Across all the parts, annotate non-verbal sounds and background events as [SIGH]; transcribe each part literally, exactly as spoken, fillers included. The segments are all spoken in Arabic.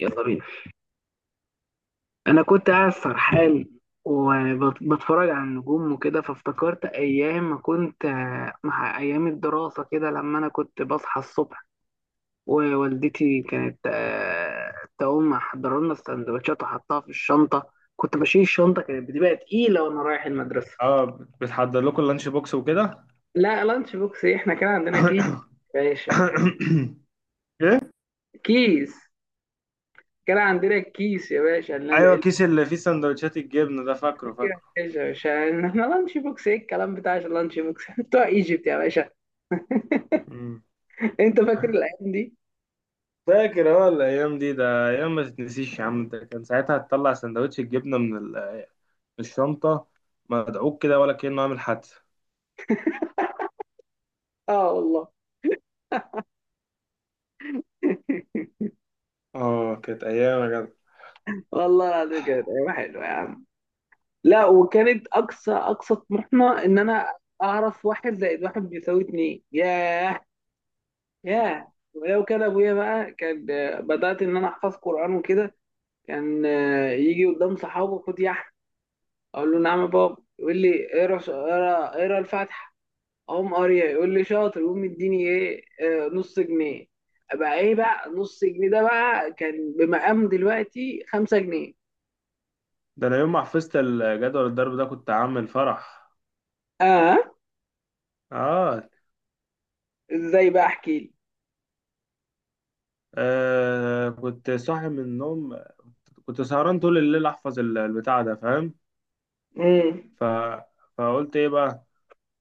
يلا بينا. انا كنت قاعد سرحان وبتفرج على النجوم وكده، فافتكرت ايام ما كنت آه، مع ايام الدراسه كده، لما انا كنت بصحى الصبح ووالدتي كانت آه، تقوم محضره لنا السندوتشات وحطها في الشنطه، كنت بشيل الشنطه كانت بتبقى تقيله وانا رايح المدرسه. اه، بتحضر لكم اللانش بوكس وكده؟ لا، لانش بوكس إيه؟ احنا كان عندنا كيس [COUGHS] يا باشا. ايه، كيس. كان عندنا الكيس يا باشا اللي ايوه، اللي- كيس اللي فيه سندوتشات الجبنه ده، فاكره يا فاكره. باشا يا باشا، احنا لانش بوكس، ايه الكلام بتاع اللانش بوكس؟ [LAUGHS] إحنا بتوع ايجيبت يا باشا. مم. انت فاكر الايام دي؟ فاكر اه الايام دي، ده ايام ما تتنسيش يا عم. ده كان ساعتها تطلع سندوتش الجبنه من ال- من الشنطه، مدعوك كده ولا كأنه عامل حادثه. اه والله. اه، كانت ايام يا جدع. والله العظيم كانت ايام حلوه يا عم. لا، وكانت اقصى اقصى طموحنا ان انا اعرف واحد زائد واحد بيساوي اتنين. ياه، ياه، ولو كان ابويا بقى، كان آه، بدات ان انا احفظ قران وكده، كان آه، يجي قدام صحابه، خد يا احمد. اقول له نعم يا بابا. يقول لي اقرا ش- اقرا اقرا الفاتحه. اقوم قاريها يقول لي شاطر، يقوم مديني ايه، آه، نص جنيه. بقى ايه بقى نص جنيه ده؟ بقى كان بمقام دلوقتي خمسة جنيه. ده انا يوم ما حفظت الجدول الضرب ده كنت عامل فرح. اه. اه. ازاي بقى، احكي لي. آه، كنت صاحي من النوم، كنت سهران طول الليل احفظ ال- البتاع ده، فاهم؟ امم. ف... فقلت ايه بقى،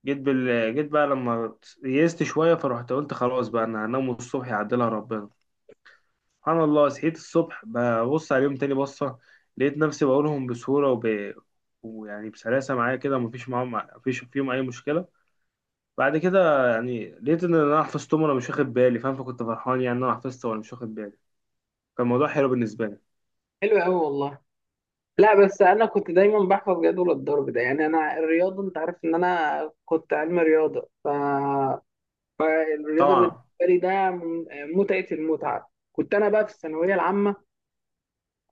جيت بال... جيت بقى لما يئست شويه، فرحت قلت خلاص بقى انا هنام الصبح، يعدلها ربنا. سبحان الله، صحيت الصبح ببص عليهم تاني بصه، لقيت نفسي بقولهم بسهوله وب... ويعني بسلاسه معايا كده، مفيش معاهم، مفيش فيهم اي مشكله. بعد كده يعني لقيت ان انا حفظتهم وانا مش واخد بالي، فاهم؟ فكنت فرحان يعني ان انا حفظت وانا مش واخد بالي. كان الموضوع حلو بالنسبه لي. حلو قوي والله. لا بس انا كنت دايما بحفظ جدول الضرب ده، يعني انا الرياضه، انت عارف ان انا كنت علم رياضه، ف... فالرياضه بالنسبه طبعا. لي ده من- متعه. المتعه كنت انا بقى في الثانويه العامه.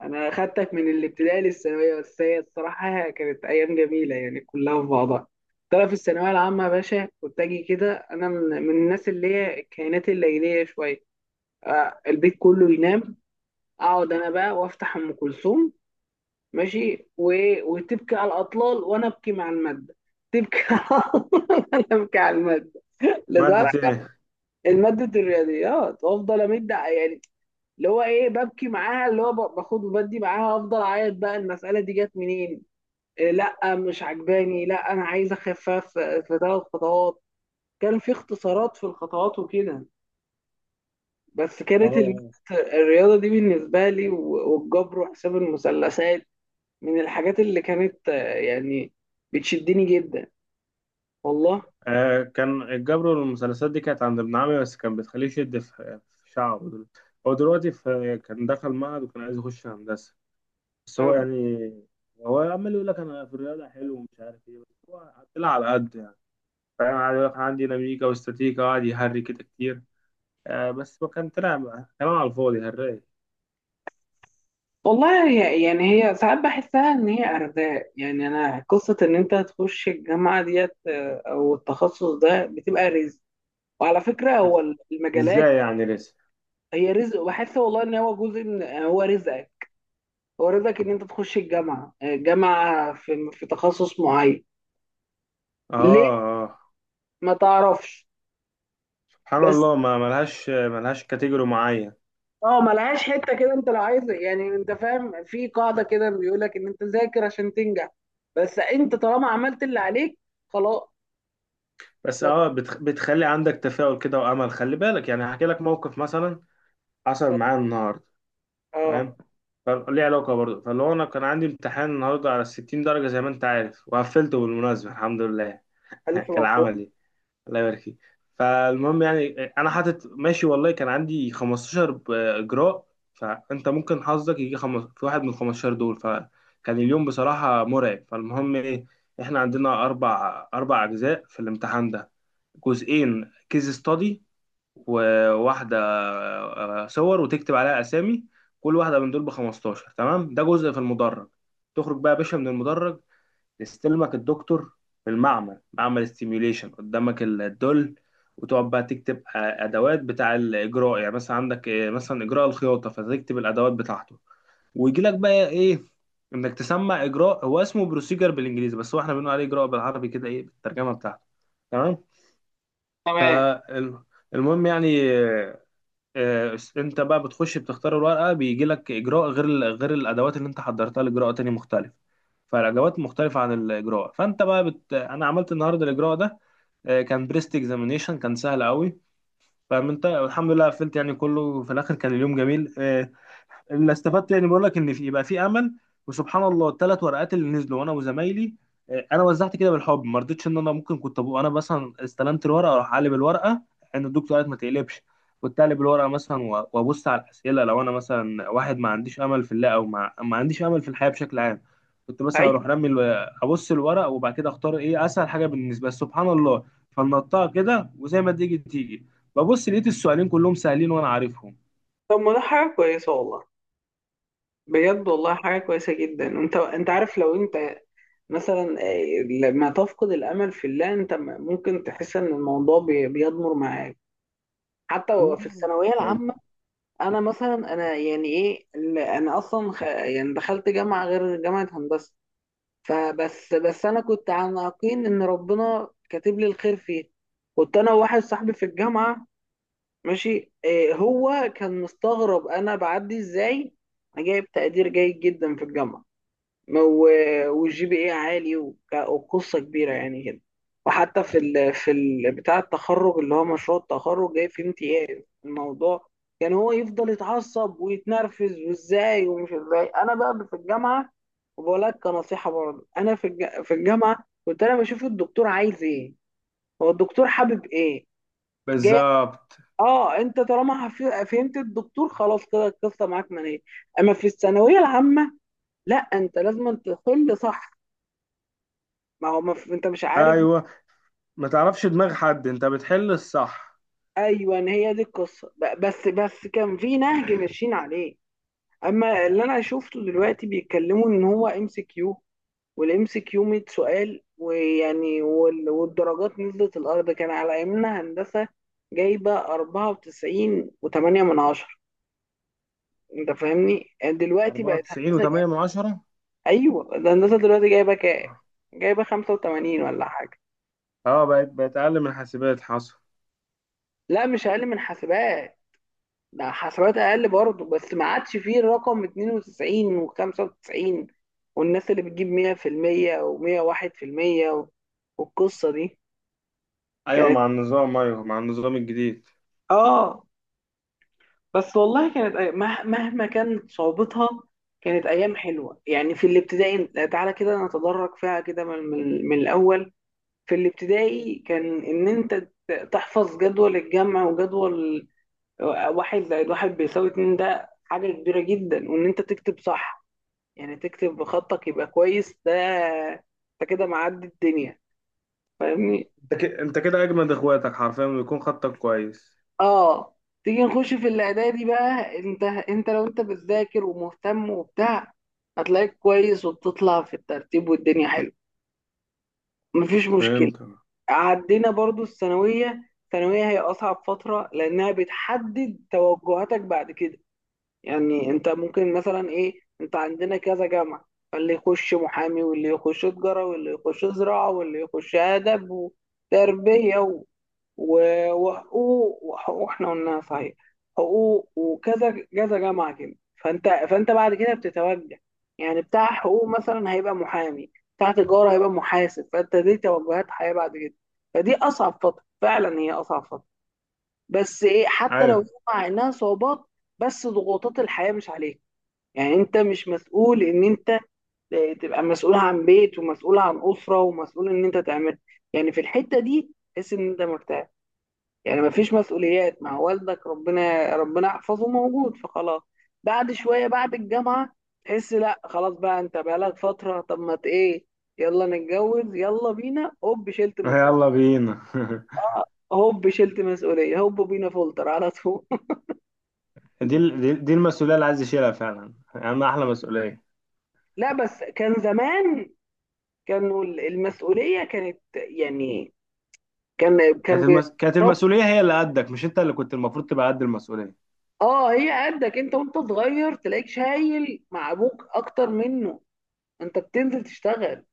انا خدتك من الابتدائي للثانويه، بس هي الصراحه كانت ايام جميله يعني كلها في بعضها. ترى في الثانويه العامه يا باشا كنت اجي كده انا من من الناس اللي هي الكائنات الليليه شويه، آه، البيت كله ينام، اقعد انا بقى وافتح ام كلثوم ماشي، و... وتبكي على الاطلال وانا ابكي مع الماده. تبكي [LAUGHS] على الاطلال وانا ابكي على الماده ماده لدرجه. ايه؟ الماده الرياضيات، وافضل امد يعني، اللي هو ايه، ببكي معاها، اللي هو ب- باخد وبدي معاها، افضل اعيط بقى المساله دي جت منين، إيه؟ لا مش عجباني، لا انا عايز اخفف في ثلاث خطوات. كان في اختصارات في الخطوات وكده. بس كانت المادة اه. الرياضه دي بالنسبه لي و- والجبر وحساب المثلثات، من الحاجات اللي كانت آه، يعني بتشدني جدا والله. آه، كان الجبر والمثلثات دي كانت عند ابن عمي، بس كان بتخليه يشد في في شعره. دل- هو دلوقتي في كان دخل معهد وكان عايز يخش هندسة، بس هو أم- يعني، هو عمال يقول لك أنا في الرياضة حلو ومش عارف إيه، بس هو طلع على قد يعني، فاهم؟ قاعد يقول لك أنا عندي ديناميكا واستاتيكا، وقعد يهري كده كتير. آه بس هو كان طلع كلام على الفاضي، هري. والله هي يعني هي ساعات بحسها ان هي ارزاق، يعني انا قصة ان انت تخش الجامعة ديت آه، او التخصص ده، بتبقى رزق. وعلى فكرة هو المجالات إزاي يعني لسه؟ هي رزق. وبحس والله ان هو جزء من، آه، هو رزقك. هو رزقك ان انت تخش الجامعة، آه، جامعة في في تخصص معين. آه. ليه، آه. ما تعرفش. سبحان بس الله، ما ملهاش ملهاش كاتيجوري معين. اه، ملهاش حته كده. انت لو عايز، يعني انت فاهم، في قاعده كده بيقول لك ان انت ذاكر عشان تنجح، بس انت طالما عملت اللي عليك خلاص. بس بس اه، بتخ... بتخلي عندك تفاؤل كده وامل، خلي بالك يعني، هحكي لك موقف مثلا حصل معايا النهارده، اه. فاهم؟ فليه علاقه برضه، فاللي هو انا كان عندي امتحان النهارده على ستين درجه زي ما انت عارف، وقفلته بالمناسبه الحمد لله. [LAUGHS] الف كان مبروك. عملي. الله يبارك فيك. فالمهم يعني، انا حاطط ماشي والله، كان عندي خمسة عشر ب- اجراء، فانت ممكن حظك يجي خمس في واحد من ال خمسة عشر دول، فكان اليوم بصراحة مرعب. فالمهم ايه، احنا عندنا اربع اربع اجزاء في الامتحان ده. جزئين كيس ستادي، وواحدة آه، صور وتكتب عليها اسامي. كل واحدة من دول ب خمستاشر، تمام؟ ده جزء في المدرج، تخرج بقى يا باشا من المدرج يستلمك الدكتور في المعمل، معمل السيميوليشن، قدامك الدول، وتقعد بقى تكتب آه، ادوات بتاع الاجراء، يعني مثلا عندك آه، مثلا اجراء الخياطه فتكتب الادوات بتاعته. ويجي لك بقى ايه، انك تسمع اجراء. هو اسمه بروسيجر بالانجليزي، بس هو احنا بنقول عليه اجراء بالعربي كده، ايه بالترجمه بتاعته. تمام. تمام. فالمهم يعني آه، انت بقى بتخش بتختار الورقه، بيجي لك اجراء غير ال- غير الادوات اللي انت حضرتها، لاجراء تاني مختلف. فالادوات مختلفه عن الاجراء، فانت بقى بت... انا عملت النهارده الاجراء ده. آه، كان بريست اكزامينيشن، كان سهل قوي، فاهم؟ انت الحمد لله قفلت يعني، كله في الاخر كان اليوم جميل. آه، اللي استفدت يعني، بقول لك ان في يبقى في امل. وسبحان الله الثلاث ورقات اللي نزلوا، وانا وزمايلي آه، انا وزعت كده بالحب، ما رضيتش ان انا ممكن كنت ابقى، انا مثلا استلمت الورقه اروح اقلب الورقه، ان الدكتور قالت ما تقلبش. كنت اقلب الورقه مثلا و- وابص على الاسئله، لو انا مثلا واحد ما عنديش امل في الله، او ما, ما عنديش امل في الحياه بشكل عام، كنت مثلا ايوه. اروح رمي الو... ابص الورق وبعد كده اختار ايه اسهل حاجه بالنسبه لي، سبحان الله. فنطها كده وزي ما تيجي تيجي، ببص لقيت السؤالين كلهم سهلين وانا طب ما ده حاجه كويسه والله. بجد والله حاجه كويسه جدا. انت انت عارف، لو انت مثلا آه، لما تفقد الامل في الله، انت م- ممكن تحس ان الموضوع بي- بيضمر معاك حتى. في عارفهم الثانويه العامه انا مثلا، انا يعني ايه ال- انا اصلا خ... يعني دخلت جامعه غير جامعه هندسه، فبس بس انا كنت على يقين ان ربنا كاتب لي الخير فيه. كنت انا وواحد صاحبي في الجامعه ماشي، إيه، هو كان مستغرب انا بعدي ازاي. انا جايب تقدير جيد جدا في الجامعه ما- و- والجي بي اي عالي وك- وقصة كبيرة يعني كده. وحتى في ال في ال بتاع التخرج، اللي هو مشروع التخرج جاي فيه امتياز الموضوع. كان هو يفضل يتعصب ويتنرفز، وازاي ومش ازاي انا بقى في الجامعة. وبقول لك كنصيحة برضه، انا في الج- في الجامعة كنت انا بشوف الدكتور عايز ايه، هو الدكتور حابب ايه جاي. بالظبط. اه انت طالما هف- فهمت الدكتور، خلاص كده القصة معاك منية. اما في الثانوية العامة، لا، انت لازم تحل صح. ما هو مف... انت مش عارف. ايوه، ما تعرفش دماغ حد انت بتحل الصح. ايوه، ان هي دي القصه، ب- بس بس كان في نهج ماشيين عليه. اما اللي انا شفته دلوقتي بيتكلموا، ان هو ام سي كيو. والام سي كيو 100 سؤال، ويعني وال... والدرجات نزلت الارض. كان على ايامنا هندسه جايبه اربعه وتسعين و8 من عشرة. انت فاهمني؟ دلوقتي بقت هندسه اربعة وتسعين و8 جايبة... من عشرة. ايوه، ده هندسه دلوقتي جايبه كام؟ اه، جايبه خمسه وتمانين ولا حاجه. آه، بقت بقت اقل من حاسبات، حصل. لا مش اقل من حاسبات، ده حسابات اقل برضه، بس ما عادش فيه الرقم اتنين وتسعين و95، والناس اللي بتجيب مية في المية و101% و... والقصه دي ايوه كانت. مع النظام، ايوه مع النظام الجديد. اه. بس والله كانت أي- مه- مهما كانت صعوبتها، كانت ايام حلوه. يعني في الابتدائي، تعالى كده نتدرج فيها كده من, من, من الاول. في الابتدائي كان ان انت ت- تحفظ جدول الجمع وجدول، آه، واحد زائد واحد بيساوي اتنين، ده حاجه كبيره جدا. وان انت تكتب صح، يعني تكتب بخطك يبقى كويس، ده انت كده معدي الدنيا، فاهمني. انت كده، انت كده اجمد اخواتك، حرفيا بيكون خطك كويس. اه. تيجي نخش في الاعدادي بقى، انت انت لو انت بتذاكر ومهتم وبتاع، هتلاقيك كويس وبتطلع في الترتيب والدنيا حلوه. مفيش مشكله. فهمت. عدينا برضو الثانويه. الثانويه هي اصعب فتره، لانها بتحدد توجهاتك بعد كده. يعني انت ممكن مثلا ايه، انت عندنا كذا جامعة. فاللي يخش محامي واللي يخش تجارة واللي يخش زراعة واللي يخش أدب وتربية، و... و- وحقوق وحقوق احنا قلناها صحيح. حقوق، وكذا كذا جامعة كده. فانت فانت بعد كده بتتوجه، يعني بتاع حقوق مثلا هيبقى محامي، بتاع تجارة هيبقى محاسب، فانت دي توجهات حياة بعد كده. فدي أصعب فترة فعلا، هي أصعب فترة. بس ايه، حتى لو ايوه. مع انها صعوبات، بس ضغوطات الحياة مش عليك. يعني انت مش مسؤول ان انت تبقى مسؤول عن بيت ومسؤول عن اسره ومسؤول ان انت تعمل. يعني في الحته دي تحس ان انت مرتاح، يعني ما فيش مسؤوليات، مع والدك، ربنا ربنا يحفظه، موجود، فخلاص. بعد شويه، بعد الجامعه، تحس لا خلاص بقى، انت بقالك فتره، طب ما ت- ايه، يلا نتجوز، يلا بينا، هوب شلت [LAUGHS] مسؤوليه. يلا بينا. اه، هوب شلت مسؤوليه، هوب بينا فولتر على طول [LAUGHS] [LAUGHS] دي ال- دي دي المسؤوليه اللي عايز يشيلها فعلا، اما احلى مسؤوليه. لا بس كان زمان، كانوا المسؤوليه كانت يعني، كان كان كانت بيربي. المس... كانت المسؤوليه هي اللي قدك، مش انت اللي كنت المفروض تبقى قد المسؤوليه. اه، هي قدك انت وانت صغير، تلاقيك شايل مع ابوك اكتر منه، انت بتنزل تشتغل.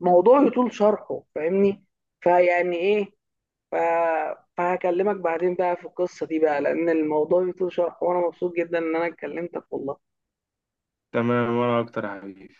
موضوع يطول شرحه فاهمني. فيعني ايه، ف... فهكلمك بعدين بقى في القصة دي بقى، لان الموضوع يطول شرحه، وانا مبسوط جدا ان انا اتكلمتك والله. تمام، وانا اكتر يا حبيبي.